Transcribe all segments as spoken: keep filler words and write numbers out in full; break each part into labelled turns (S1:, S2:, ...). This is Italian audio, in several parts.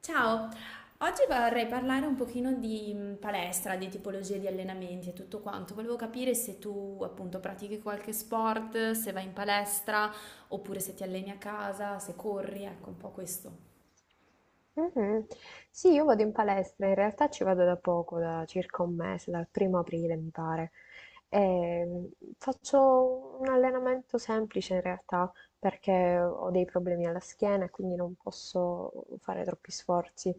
S1: Ciao, oggi vorrei parlare un pochino di mh, palestra, di tipologie di allenamenti e tutto quanto. Volevo capire se tu appunto pratichi qualche sport, se vai in palestra oppure se ti alleni a casa, se corri, ecco un po' questo.
S2: Mhm. Sì, io vado in palestra, in realtà ci vado da poco, da circa un mese, dal primo aprile mi pare. E faccio un allenamento semplice in realtà perché ho dei problemi alla schiena e quindi non posso fare troppi sforzi.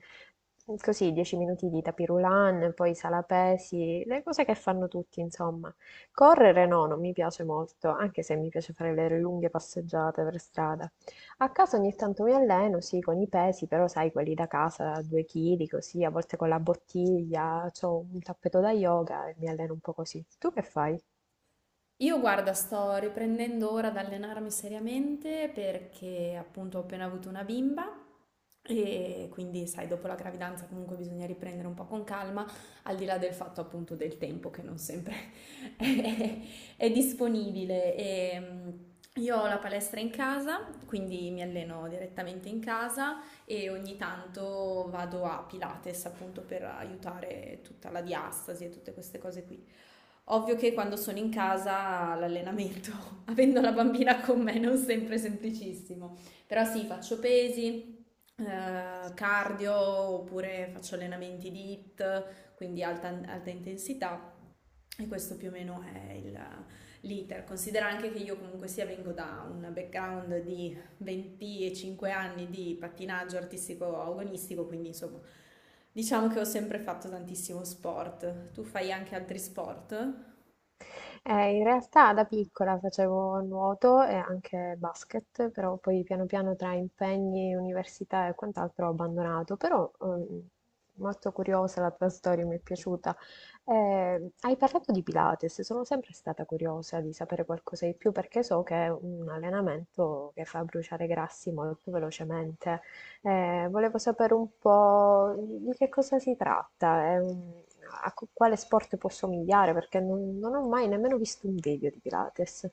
S2: Così dieci minuti di tapirulan, poi sala pesi, le cose che fanno tutti, insomma. Correre no, non mi piace molto, anche se mi piace fare le lunghe passeggiate per strada. A casa ogni tanto mi alleno, sì, con i pesi, però sai, quelli da casa, due chili, così, a volte con la bottiglia, ho un tappeto da yoga e mi alleno un po' così. Tu che fai?
S1: Io guarda, sto riprendendo ora ad allenarmi seriamente perché appunto ho appena avuto una bimba e quindi sai, dopo la gravidanza comunque bisogna riprendere un po' con calma, al di là del fatto appunto del tempo che non sempre è, è disponibile. E, mm, io ho la palestra in casa, quindi mi alleno direttamente in casa e ogni tanto vado a Pilates appunto per aiutare tutta la diastasi e tutte queste cose qui. Ovvio che quando sono in casa l'allenamento, avendo la bambina con me, non sempre è semplicissimo, però sì, faccio pesi, eh, cardio oppure faccio allenamenti di hit, quindi alta, alta intensità e questo più o meno è il, l'iter. Considera anche che io comunque sia vengo da un background di venticinque anni di pattinaggio artistico agonistico, quindi insomma diciamo che ho sempre fatto tantissimo sport. Tu fai anche altri sport?
S2: Eh, in realtà da piccola facevo nuoto e anche basket, però poi piano piano tra impegni, università e quant'altro ho abbandonato, però ehm, molto curiosa la tua storia, mi è piaciuta. Eh, hai parlato di Pilates, sono sempre stata curiosa di sapere qualcosa di più perché so che è un allenamento che fa bruciare grassi molto velocemente, eh, volevo sapere un po' di che cosa si tratta, eh, a co- quale sport può somigliare, perché non, non ho mai nemmeno visto un video di Pilates.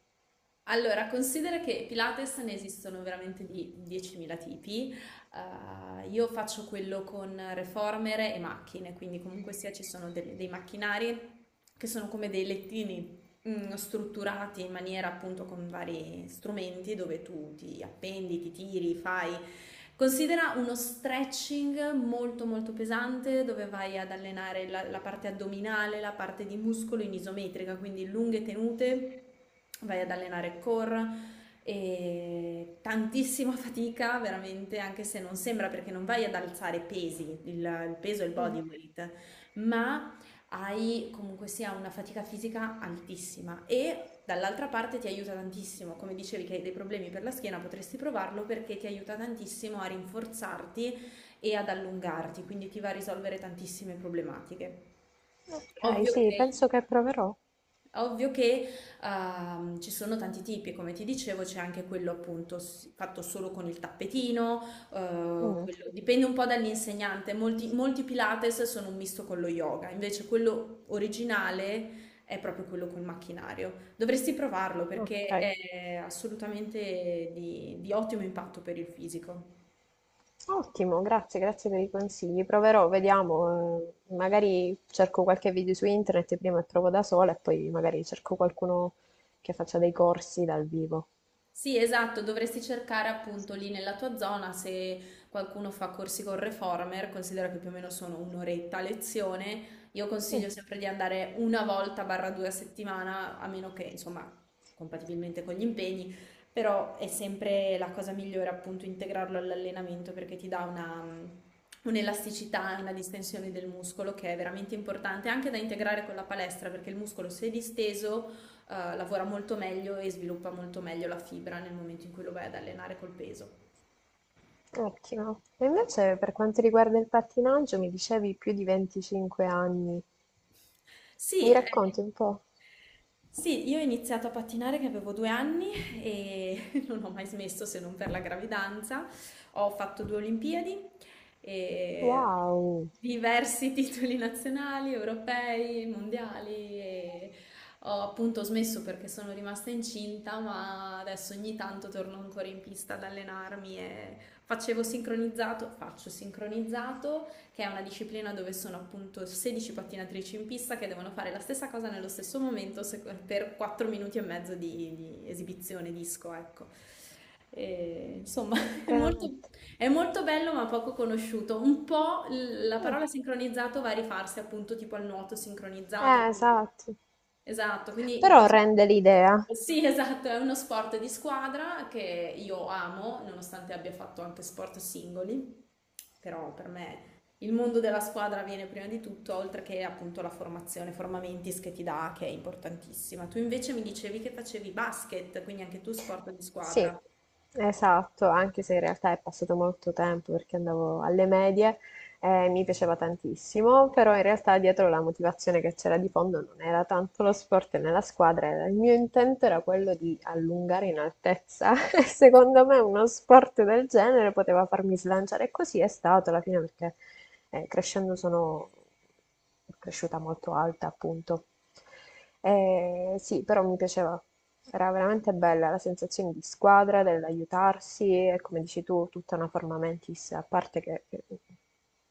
S1: Allora, considera che Pilates ne esistono veramente di diecimila tipi. Eh, io faccio quello con reformer e macchine, quindi comunque sia ci sono delle- dei macchinari che sono come dei lettini, mm, strutturati in maniera appunto con vari strumenti dove tu ti appendi, ti tiri, fai. Considera uno stretching molto molto pesante dove vai ad allenare la, la parte addominale, la parte di muscolo in isometrica, quindi lunghe tenute, vai ad allenare core e tantissima fatica veramente anche se non sembra perché non vai ad alzare pesi, il, il peso e il body
S2: Mm.
S1: weight, ma hai comunque sia una fatica fisica altissima e dall'altra parte ti aiuta tantissimo, come dicevi che hai dei problemi per la schiena, potresti provarlo perché ti aiuta tantissimo a rinforzarti e ad allungarti, quindi ti va a risolvere tantissime problematiche.
S2: Ok,
S1: Ovvio
S2: sì,
S1: che
S2: penso che proverò.
S1: Ovvio che ehm, ci sono tanti tipi, come ti dicevo, c'è anche quello appunto s- fatto solo con il tappetino, eh,
S2: Mm,
S1: quello- dipende un po' dall'insegnante, molti, molti Pilates sono un misto con lo yoga, invece quello originale è proprio quello col macchinario. Dovresti provarlo
S2: ok,
S1: perché è assolutamente di di ottimo impatto per il fisico.
S2: ottimo, grazie, grazie per i consigli. Proverò, vediamo, eh, magari cerco qualche video su internet prima e provo da sola e poi magari cerco qualcuno che faccia dei corsi dal vivo.
S1: Sì, esatto, dovresti cercare appunto lì nella tua zona se qualcuno fa corsi con Reformer, considera che più o meno sono un'oretta a lezione, io
S2: Mm.
S1: consiglio sempre di andare una volta barra due a settimana, a meno che insomma compatibilmente con gli impegni, però è sempre la cosa migliore appunto integrarlo all'allenamento perché ti dà una... mm, un'elasticità, una distensione del muscolo che è veramente importante anche da integrare con la palestra perché il muscolo se disteso, eh, lavora molto meglio e sviluppa molto meglio la fibra nel momento in cui lo vai ad allenare col peso.
S2: Ottimo. E invece per quanto riguarda il pattinaggio, mi dicevi più di venticinque anni.
S1: Sì,
S2: Mi
S1: eh,
S2: racconti un po'?
S1: Sì, io ho iniziato a pattinare che avevo due anni e non ho mai smesso se non per la gravidanza. Ho fatto due Olimpiadi e
S2: Wow,
S1: diversi titoli nazionali, europei, mondiali e ho appunto smesso perché sono rimasta incinta, ma adesso ogni tanto torno ancora in pista ad allenarmi e facevo sincronizzato, faccio sincronizzato che è una disciplina dove sono appunto sedici pattinatrici in pista che devono fare la stessa cosa nello stesso momento se- per quattro minuti e mezzo di, di esibizione disco, ecco. E, insomma, è molto,
S2: veramente.
S1: è molto bello ma poco conosciuto. Un po' l- la
S2: Mm.
S1: parola sincronizzato va a rifarsi appunto tipo al nuoto sincronizzato,
S2: Eh,
S1: quindi.
S2: esatto.
S1: Esatto, quindi
S2: Però
S1: diciamo-
S2: rende l'idea.
S1: sì, esatto, è uno sport di squadra che io amo, nonostante abbia fatto anche sport singoli, però per me il mondo della squadra viene prima di tutto, oltre che appunto la formazione, Formamentis che ti dà, che è importantissima. Tu invece mi dicevi che facevi basket, quindi anche tu sport di
S2: Sì,
S1: squadra.
S2: esatto, anche se in realtà è passato molto tempo perché andavo alle medie e mi piaceva tantissimo, però in realtà dietro la motivazione che c'era di fondo non era tanto lo sport nella squadra, era- il mio intento era quello di allungare in altezza e secondo me uno sport del genere poteva farmi slanciare e così è stato alla fine perché eh, crescendo sono cresciuta molto alta, appunto. Eh, sì, però mi piaceva, era veramente bella la sensazione di squadra, dell'aiutarsi e come dici tu, tutta una forma mentis, a parte che che-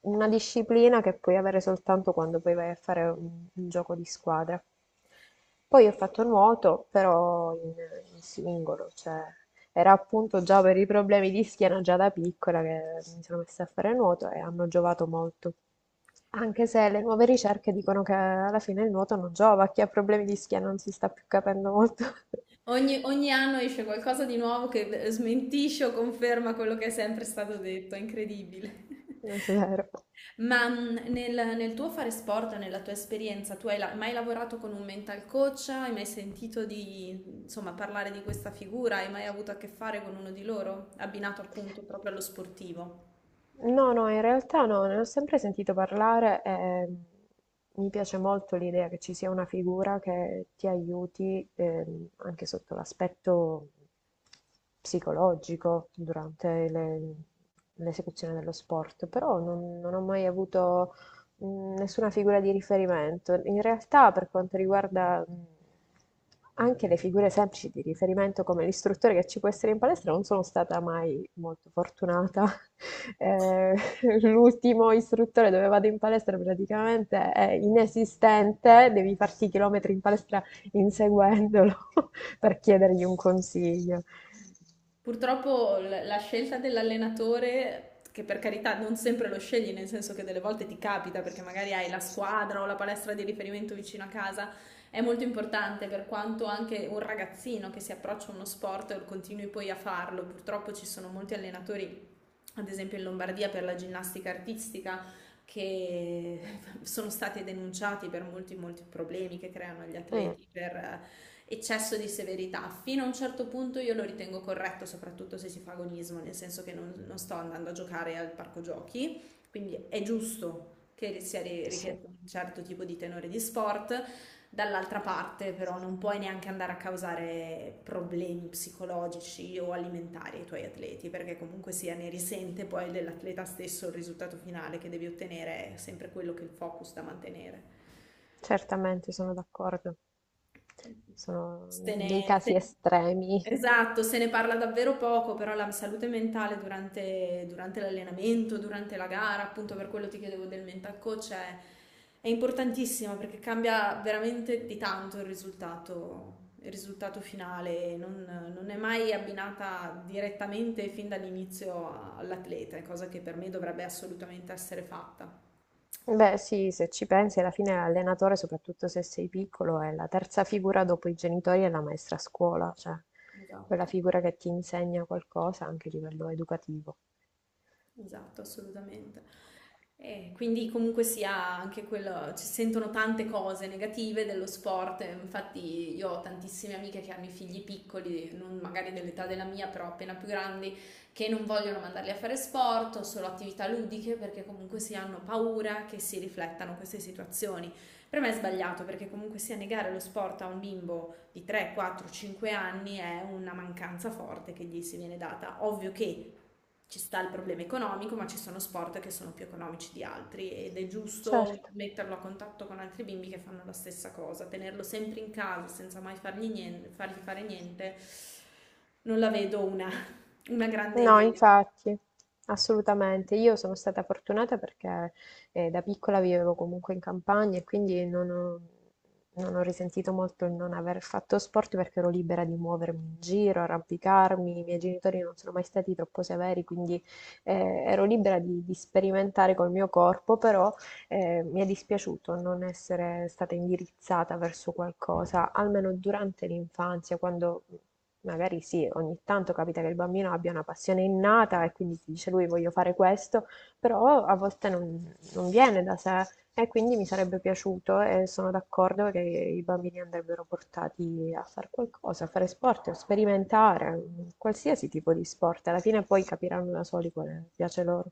S2: una disciplina che puoi avere soltanto quando poi vai a fare un, un gioco di squadra. Poi ho fatto nuoto, però in, in singolo, cioè era appunto già per i problemi di schiena già da piccola che mi sono messa a fare nuoto e hanno giovato molto. Anche se le nuove ricerche dicono che alla fine il nuoto non giova, chi ha problemi di schiena non si sta più capendo molto.
S1: Ogni, ogni anno esce qualcosa di nuovo che smentisce o conferma quello che è sempre stato detto, è incredibile.
S2: Non è vero.
S1: Ma mh, nel, nel tuo fare sport, nella tua esperienza, tu hai la- mai lavorato con un mental coach? Hai mai sentito di, insomma, parlare di questa figura? Hai mai avuto a che fare con uno di loro, abbinato appunto proprio allo sportivo?
S2: No, no, in realtà no, ne ho sempre sentito parlare e ehm, mi piace molto l'idea che ci sia una figura che ti aiuti, ehm, anche sotto l'aspetto psicologico durante le- l'esecuzione dello sport, però non, non ho mai avuto mh, nessuna figura di riferimento. In realtà, per quanto riguarda mh, anche le figure semplici di riferimento, come l'istruttore che ci può essere in palestra, non sono stata mai molto fortunata. Eh, l'ultimo istruttore dove vado in palestra praticamente è inesistente, devi farti chilometri in palestra inseguendolo per chiedergli un consiglio.
S1: Purtroppo l- la scelta dell'allenatore, che per carità non sempre lo scegli, nel senso che delle volte ti capita perché magari hai la squadra o la palestra di riferimento vicino a casa, è molto importante per quanto anche un ragazzino che si approccia a uno sport e continui poi a farlo. Purtroppo ci sono molti allenatori, ad esempio in Lombardia per la ginnastica artistica, che sono stati denunciati per molti, molti problemi che creano agli
S2: Mm,
S1: atleti, per eccesso di severità. Fino a un certo punto io lo ritengo corretto, soprattutto se si fa agonismo, nel senso che non, non sto andando a giocare al parco giochi, quindi è giusto che sia ri-
S2: sì,
S1: richiesto un certo tipo di tenore di sport. Dall'altra parte, però, non puoi neanche andare a causare problemi psicologici o alimentari ai tuoi atleti, perché comunque sia ne risente poi dell'atleta stesso il risultato finale che devi ottenere, è sempre quello che il focus da mantenere.
S2: certamente sono d'accordo. Sono
S1: Se
S2: dei
S1: ne,
S2: casi
S1: se-
S2: estremi.
S1: esatto, se ne parla davvero poco, però la salute mentale durante, durante l'allenamento, durante la gara, appunto per quello ti chiedevo del mental coach, è, è importantissima perché cambia veramente di tanto il risultato, il risultato finale, non, non è mai abbinata direttamente fin dall'inizio all'atleta, è cosa che per me dovrebbe assolutamente essere fatta.
S2: Beh, sì, se ci pensi, alla fine l'allenatore, soprattutto se sei piccolo, è la terza figura dopo i genitori e la maestra a scuola, cioè quella
S1: Esatto.
S2: figura che ti insegna qualcosa anche a livello educativo.
S1: Esatto, assolutamente. E quindi comunque sia anche quello, ci sentono tante cose negative dello sport, e infatti io ho tantissime amiche che hanno i figli piccoli, non magari dell'età della mia, però appena più grandi, che non vogliono mandarli a fare sport o solo attività ludiche perché comunque si hanno paura che si riflettano queste situazioni. Per me è sbagliato perché comunque sia negare lo sport a un bimbo di tre, quattro, cinque anni è una mancanza forte che gli si viene data. Ovvio che ci sta il problema economico, ma ci sono sport che sono più economici di altri ed è giusto
S2: Certo.
S1: metterlo a contatto con altri bimbi che fanno la stessa cosa. Tenerlo sempre in casa senza mai fargli, nien- fargli fare niente, non la vedo una, una grande
S2: No,
S1: idea.
S2: infatti, assolutamente. Io sono stata fortunata perché eh, da piccola vivevo comunque in campagna e quindi non ho, non ho risentito molto il non aver fatto sport perché ero libera di muovermi in giro, arrampicarmi. I miei genitori non sono mai stati troppo severi, quindi eh, ero libera di, di sperimentare col mio corpo, però eh, mi è dispiaciuto non essere stata indirizzata verso qualcosa, almeno durante l'infanzia, quando magari sì, ogni tanto capita che il bambino abbia una passione innata e quindi si dice lui voglio fare questo, però a volte non, non viene da sé e quindi mi sarebbe piaciuto e sono d'accordo che i bambini andrebbero portati a fare qualcosa, a fare sport, a sperimentare, qualsiasi tipo di sport, alla fine poi capiranno da soli quale piace loro.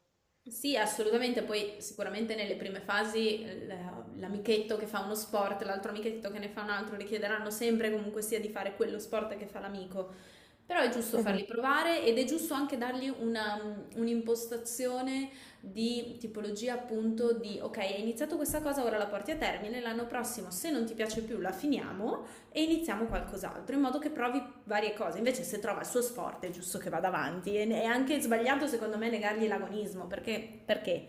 S1: Sì, assolutamente, poi sicuramente nelle prime fasi l- l'amichetto che fa uno sport, l'altro amichetto che ne fa un altro, richiederanno sempre comunque sia di fare quello sport che fa l'amico. Però è giusto
S2: Mhm.
S1: farli provare ed è giusto anche dargli una- un'impostazione di tipologia appunto di ok, hai iniziato questa cosa, ora la porti a termine, l'anno prossimo se non ti piace più la finiamo e iniziamo qualcos'altro, in modo che provi varie cose. Invece se trova il suo sport è giusto che vada avanti e è anche sbagliato secondo me negargli l'agonismo perché, perché?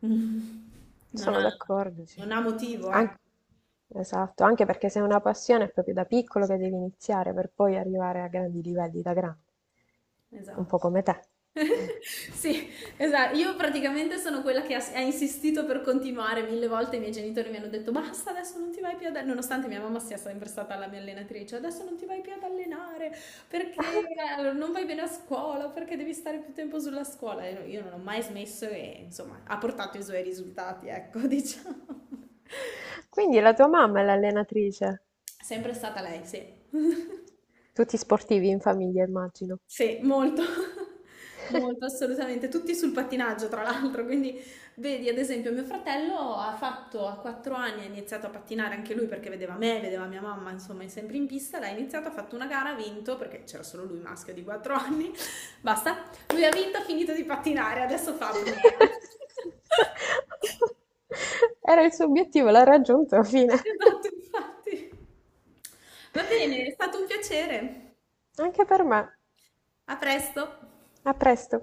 S1: Non
S2: Sono
S1: ha,
S2: d'accordo, sì.
S1: non ha motivo,
S2: Anc-
S1: ecco.
S2: esatto, anche perché se è una passione è proprio da piccolo che devi iniziare per poi arrivare a grandi livelli da grande, un
S1: Esatto.
S2: po' come te.
S1: Sì, esatto. Io praticamente sono quella che ha, ha insistito per continuare mille volte. I miei genitori mi hanno detto: Basta, adesso non ti vai più ad allenare. Nonostante mia mamma sia sempre stata la mia allenatrice, adesso non ti vai più ad allenare perché, eh, non vai bene a scuola, perché devi stare più tempo sulla scuola. E no, io non ho mai smesso e insomma ha portato i suoi risultati, ecco, diciamo.
S2: Quindi la tua mamma è l'allenatrice.
S1: Sempre stata lei, sì.
S2: Tutti sportivi in famiglia, immagino.
S1: Sì, molto, molto, assolutamente. Tutti sul pattinaggio, tra l'altro. Quindi, vedi, ad esempio, mio fratello ha fatto a quattro anni, ha iniziato a pattinare anche lui perché vedeva me, vedeva mia mamma, insomma, è sempre in pista. L'ha iniziato, ha fatto una gara, ha vinto perché c'era solo lui maschio di quattro anni. Basta, lui ha vinto, ha finito di pattinare, adesso fa apnea.
S2: Era il suo obiettivo, l'ha raggiunto, fine.
S1: Esatto, infatti. Va bene, è stato un piacere.
S2: Anche per me.
S1: A presto.
S2: A presto.